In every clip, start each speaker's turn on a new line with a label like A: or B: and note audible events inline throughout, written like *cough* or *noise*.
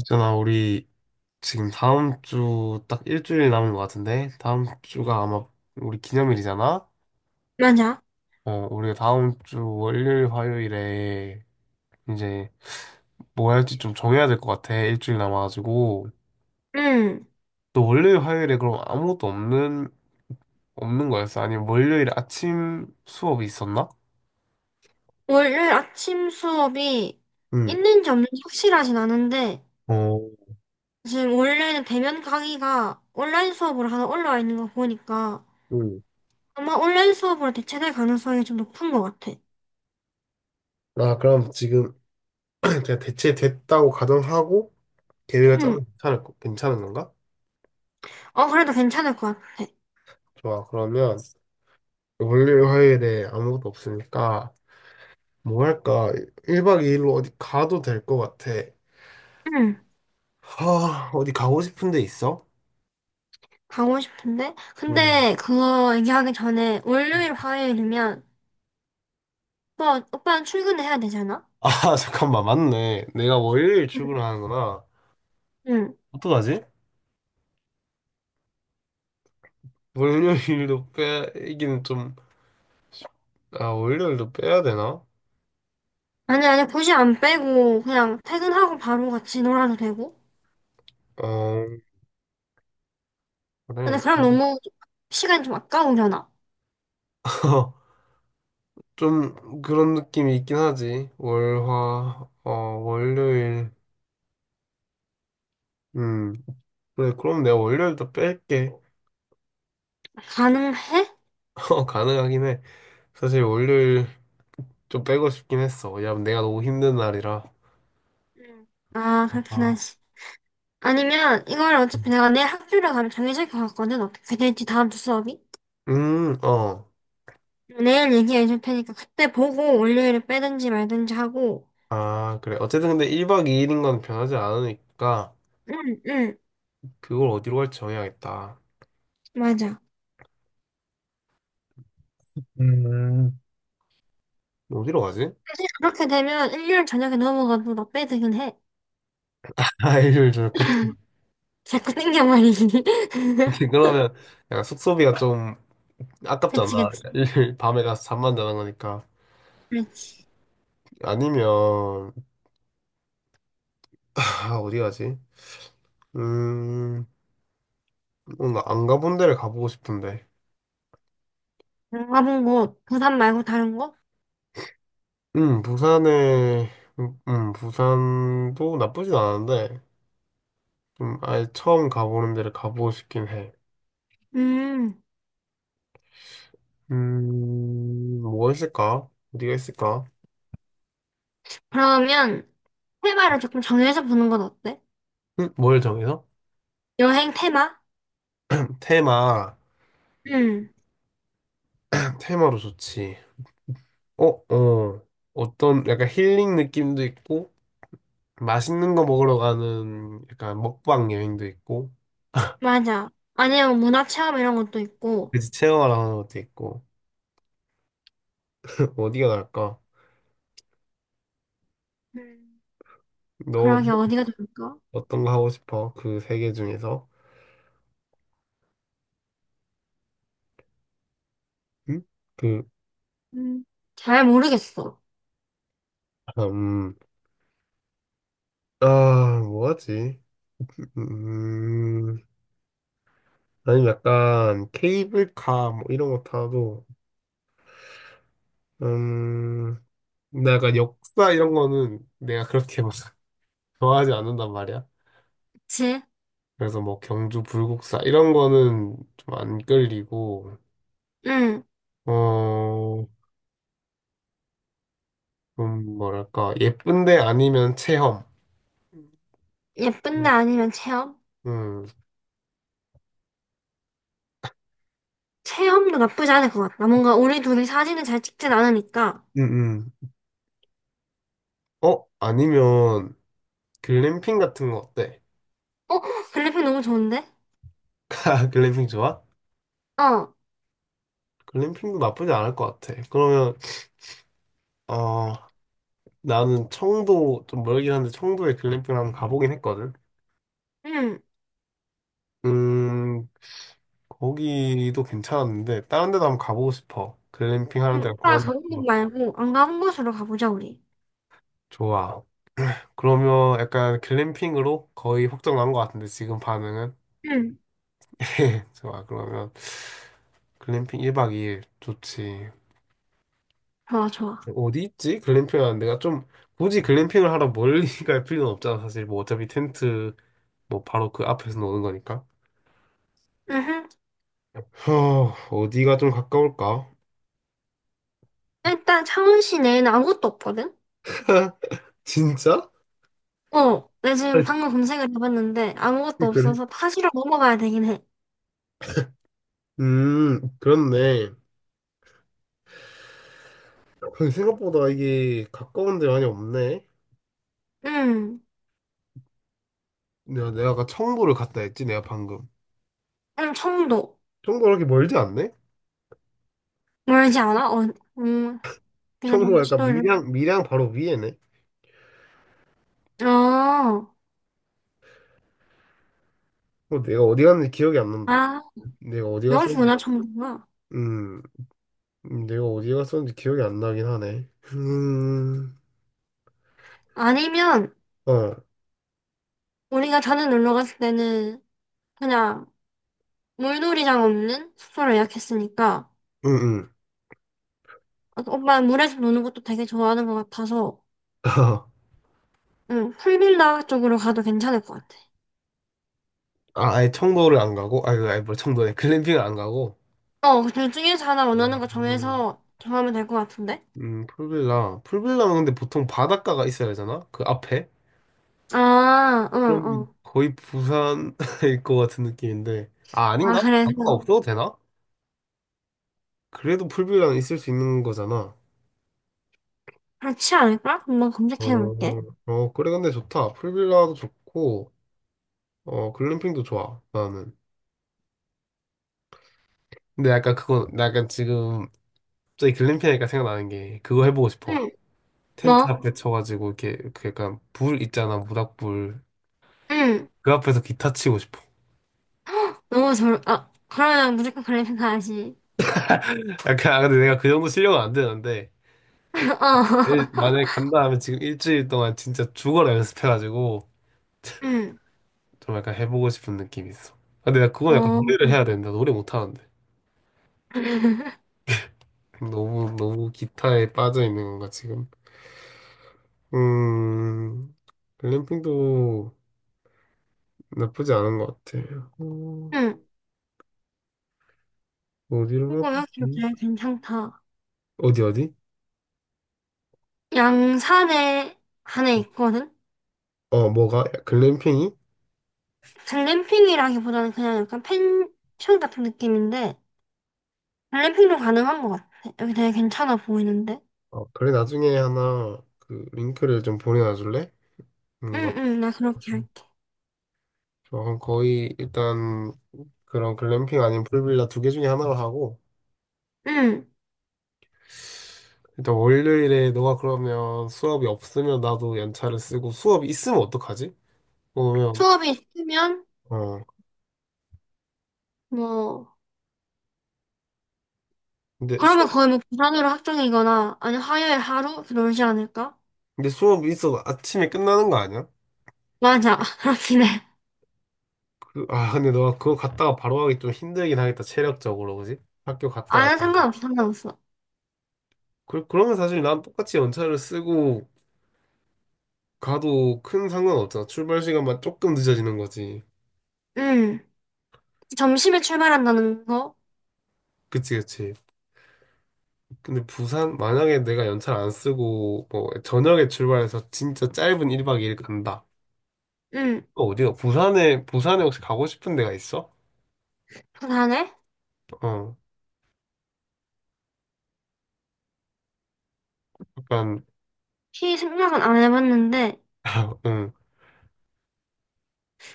A: 있잖아, 우리 지금 다음 주 딱 일주일 남은 것 같은데, 다음 주가 아마 우리 기념일이잖아?
B: 맞아.
A: 어, 우리가 다음 주 월요일, 화요일에 이제 뭐 할지 좀 정해야 될 것 같아, 일주일 남아가지고.
B: 응.
A: 또 월요일, 화요일에 그럼 없는 거였어? 아니면 월요일 아침 수업이 있었나?
B: 월요일 아침 수업이
A: 응.
B: 있는지 없는지 확실하진 않은데,
A: 어,
B: 지금 원래는 대면 강의가 온라인 수업으로 하나 올라와 있는 거 보니까
A: 응.
B: 아마 온라인 수업으로 대체될 가능성이 좀 높은 것 같아.
A: 나 그럼 지금 *clears throat* 제가 대체 됐다고 가정하고 계획을 짜면
B: 응.
A: 괜찮을, 거- 괜찮은 건가?
B: 어, 그래도 괜찮을 것 같아.
A: 좋아, 그러면. 월요일, 화요일에 아무것도 없으니까 뭐 할까? 1박 2일로 어디 가도 될 것 같아.
B: 응.
A: 하, 어디 가고 싶은 데 있어?
B: 가고 싶은데?
A: 음.
B: 근데 그거 얘기하기 전에 월요일, 화요일이면 오빠는 출근을 해야 되잖아?
A: 아, *laughs* 잠깐만, 맞네. 내가 월요일
B: 응.
A: 출근을 하는구나.
B: 응.
A: 어떡하지? 월요일도 빼기는 좀, 아, 월요일도 빼야 되나?
B: 아니, 아니, 굳이 안 빼고 그냥 퇴근하고 바로 같이 놀아도 되고?
A: 어,
B: 근데
A: 그래.
B: 그럼 너무 시간이 좀 아까우려나?
A: *laughs* 좀 그런 느낌이 있긴 하지. 월요일. 음. 그래, 그럼 내가 월요일도 뺄게.
B: 가능해?
A: *laughs* 가능하긴 해. 사실 월요일 좀 빼고 싶긴 했어. 왜냐면 내가 너무 힘든 날이라.
B: 응. 아, 그렇긴
A: 아,
B: 하지. 아니면 이걸 어차피 내가 내일 학교를 가면 정해질 것 같거든. 어떻게 될지 다음 주 수업이.
A: 어.
B: 내일 얘기해 줄 테니까 그때 보고 월요일에 빼든지 말든지 하고.
A: 아, 그래. 어쨌든 근데 1박 2일인 건 변하지 않으니까
B: 응, 응,
A: 그걸 어디로 갈지 정해야겠다.
B: 맞아.
A: 음, 어디로 가지?
B: 사실 그렇게 되면 일요일 저녁에 넘어가도 나 빼드긴 해.
A: *laughs* 아, 일요일 저녁. 그,
B: 자꾸 땡겨 말이지.
A: *laughs*
B: *laughs*
A: 그러면 약간 숙소비가 좀 아깝잖아.
B: 그치, 그치.
A: 일요일 밤에 가서 잠만 자는 거니까.
B: 그렇지.
A: 아니면, 아, 어디 가지? 음, 뭔가 안 가본 데를 가보고 싶은데.
B: 안 가본 곳, 부산 말고 다른 곳?
A: 부산에, 음, 부산도 나쁘진 않은데. 좀 아예 처음 가보는 데를 가보고 싶긴 해.
B: 음,
A: 뭐가 있을까? 어디가 있을까?
B: 그러면 테마를 조금 정해서 보는 건 어때?
A: 뭘 정해서?
B: 여행 테마?
A: 테마,
B: 응,
A: *clears throat* 테마로 좋지. 어, 어, 어떤 약간 힐링 느낌도 있고, 맛있는 거 먹으러 가는 약간 먹방 여행도 있고,
B: 맞아. 아니면 문화 체험 이런 것도 있고.
A: 그지 체험하러 가는 것도 있고. *laughs* 어디가 나을까?
B: 음.
A: 너
B: 그러게 어디가 좋을까?
A: 어떤 거 하고 싶어? 그 세 개 중에서? 응? 그,
B: 음. 잘 모르겠어.
A: 아, 음, 뭐하지? 음, 아니면 약간 케이블카 뭐 이런 거 타도 음 근데 약간 역사 이런 거는 내가 그렇게 막 *laughs* 좋아하지 않는단 말이야.
B: 그치?
A: 그래서 뭐 경주 불국사 이런 거는 좀 안 끌리고
B: 응,
A: 어좀 뭐랄까 예쁜데 아니면 체험.
B: 예쁜데 아니면 체험?
A: 음,
B: 체험도 나쁘지 않을 것 같다. 뭔가 우리 둘이 사진을 잘 찍진 않으니까.
A: 음, 음. 어 아니면 글램핑 같은 거 어때?
B: 어, 글리핀 너무 좋은데?
A: *laughs* 글램핑 좋아?
B: 어,
A: 글램핑도 나쁘지 않을 것 같아. 그러면 어 나는 청도 좀 멀긴 한데 청도에 글램핑을 한번 가보긴 했거든.
B: 응.
A: 음, 거기도 괜찮았는데 다른 데도 한번 가보고 싶어. 글램핑 하는
B: 응,
A: 데가
B: 오빠
A: 강원도
B: 저런
A: 같은
B: 곳
A: 거.
B: 말고 안 가본 곳으로 가보자, 우리.
A: 좋아. 그러면 약간 글램핑으로 거의 확정 난것 같은데 지금 반응은?
B: 응,
A: *laughs* 좋아. 그러면 글램핑 1박 2일 좋지.
B: 좋아, 좋아.
A: 어디 있지? 글램핑 하는 데가 좀 굳이 글램핑을 하러 멀리 *laughs* 갈 필요는 없잖아. 사실 뭐 어차피 텐트 뭐 바로 그 앞에서 노는 거니까.
B: 응, 응.
A: 어, 어디가 좀 가까울까?
B: 일단 창원시 내에는 아무것도 없거든?
A: *laughs* 진짜?
B: 어, 내 지금
A: 아니,
B: 방금 검색을 해봤는데 아무것도
A: 그래.
B: 없어서 타지로 넘어가야 되긴 해.
A: 그렇네. 근데 생각보다 이게 가까운 데 많이 없네.
B: 음,
A: 내가 아까 청보를 갔다 했지, 내가 방금.
B: 청도.
A: 청보 그렇게 멀지 않네?
B: 멀지 않아? 어, 음, 내가 너무
A: 청보가 약간
B: 지도를.
A: 밀양 바로 위에네.
B: 어,
A: 어, 내가 어디 갔는지 기억이 안 난다.
B: 아,
A: 내가 어디 갔었는지,
B: 여기구나, 청도가.
A: 음, 내가 어디 갔었는지 기억이 안 나긴 하네.
B: 아니면,
A: 어,
B: 우리가 전에 놀러 갔을 때는 그냥 물놀이장 없는 숙소를 예약했으니까,
A: 응, 응.
B: 어, 오빠 물에서 노는 것도 되게 좋아하는 것 같아서,
A: *laughs* 아,
B: 응, 풀빌라 쪽으로 가도 괜찮을 것 같아.
A: 아예 청도를 안 가고? 아, 아니, 뭐 청도네 글램핑을 안 가고?
B: 어, 둘 중에서 하나 원하는 거
A: 음.
B: 정해서 정하면 될 것 같은데?
A: 풀빌라. 풀빌라면 근데 보통 바닷가가 있어야 되잖아? 그 앞에?
B: 아, 응, 응.
A: 그러면 거의 부산일 *laughs* 것 같은 느낌인데. 아,
B: 아,
A: 아닌가? 바닷가
B: 그래서
A: 없어도 되나? 그래도 풀빌라는 있을 수 있는 거잖아.
B: 그렇지 않을까? 한번
A: 어,
B: 검색해 볼게.
A: 그래, 근데 좋다. 풀빌라도 좋고, 어, 글램핑도 좋아, 나는. 근데 약간 그거, 나 약간 지금, 갑자기 글램핑 하니까 생각나는 게, 그거 해보고 싶어.
B: 응,
A: 텐트
B: 뭐?
A: 앞에 쳐가지고, 이렇게, 그 약간, 불 있잖아, 모닥불.
B: 응.
A: 그 앞에서 기타 치고 싶어.
B: 아, 그러면 무조건 그래픽 가야지.
A: *laughs* 약간, 아, 근데 내가 그 정도 실력은 안 되는데,
B: *laughs* 어,
A: 만약에 간다 하면 지금 일주일 동안 진짜 죽어라 연습해가지고
B: 응,
A: 좀 약간 해보고 싶은 느낌이 있어. 근데 나 그건 약간
B: 어,
A: 노래를 해야 된다. 노래 못하는데.
B: *laughs*
A: 너무 기타에 빠져있는 건가, 지금? 음, 글램핑도 나쁘지 않은 것 같아. 어,
B: 응.
A: 어디로
B: 이거
A: 갈까?
B: 여기 되게 괜찮다.
A: 어디?
B: 양산에 안에 있거든?
A: 어, 뭐가? 글램핑이?
B: 글램핑이라기보다는 그냥 약간 펜션 같은 느낌인데, 글램핑도 가능한 것 같아. 여기 되게 괜찮아 보이는데?
A: 어, 그래, 나중에 하나 그 링크를 좀 보내놔줄래? 뭔가.
B: 응, 응, 나 그렇게 할게.
A: 그럼 거의 일단 그런 글램핑 아니면 풀빌라 두 개 중에 하나로 하고
B: 응.
A: 일단 월요일에 너가 그러면 수업이 없으면 나도 연차를 쓰고 수업이 있으면 어떡하지? 그러면
B: 수업이 있으면,
A: 어
B: 뭐,
A: 근데
B: 그러면
A: 수업
B: 거의 뭐 부산으로 확정이거나 아니 화요일 하루 그러지 않을까?
A: 근데 수업이 있어도 아침에 끝나는 거 아니야?
B: 맞아 *laughs* 그렇긴 해.
A: 그, 아 근데 너가 그거 갔다가 바로 하기 좀 힘들긴 하겠다 체력적으로 그지? 학교
B: 아
A: 갔다가
B: 는 상관없어 상관없어.
A: 그러면 사실 난 똑같이 연차를 쓰고 가도 큰 상관 없잖아 출발 시간만 조금 늦어지는 거지
B: 음. 점심에 출발한다는 거.
A: 그치 근데 부산 만약에 내가 연차를 안 쓰고 뭐 저녁에 출발해서 진짜 짧은 1박 2일 간다
B: 음.
A: 어, 어디요 부산에 혹시 가고 싶은 데가 있어?
B: 부산에
A: 어, 약간,
B: 피 생각은 안 해봤는데
A: *laughs* 응.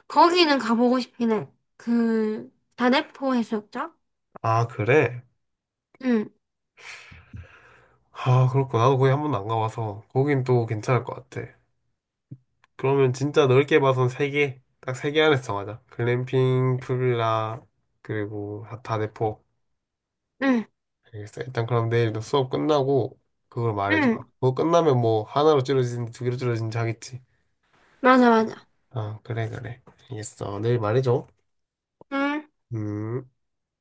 B: 거기는 가보고 싶긴 해. 그 다대포 해수욕장.
A: 아, 그래?
B: 응.
A: 아, 그렇구나. 나도 거기 한 번도 안 가봐서. 거긴 또 괜찮을 것 같아. 그러면 진짜 넓게 봐선 세 개. 딱 세 개 안에서 정하자. 글램핑, 풀빌라, 그리고 다대포.
B: 응.
A: 알겠어. 일단 그럼 내일도 수업 끝나고, 그걸 말해줘.
B: 응.
A: 그거 끝나면 뭐, 하나로 줄어지는지 두 개로 줄어지는지 하겠지.
B: 맞아 맞아.
A: 그래. 알겠어. 내일 말해줘.
B: 응.
A: 음.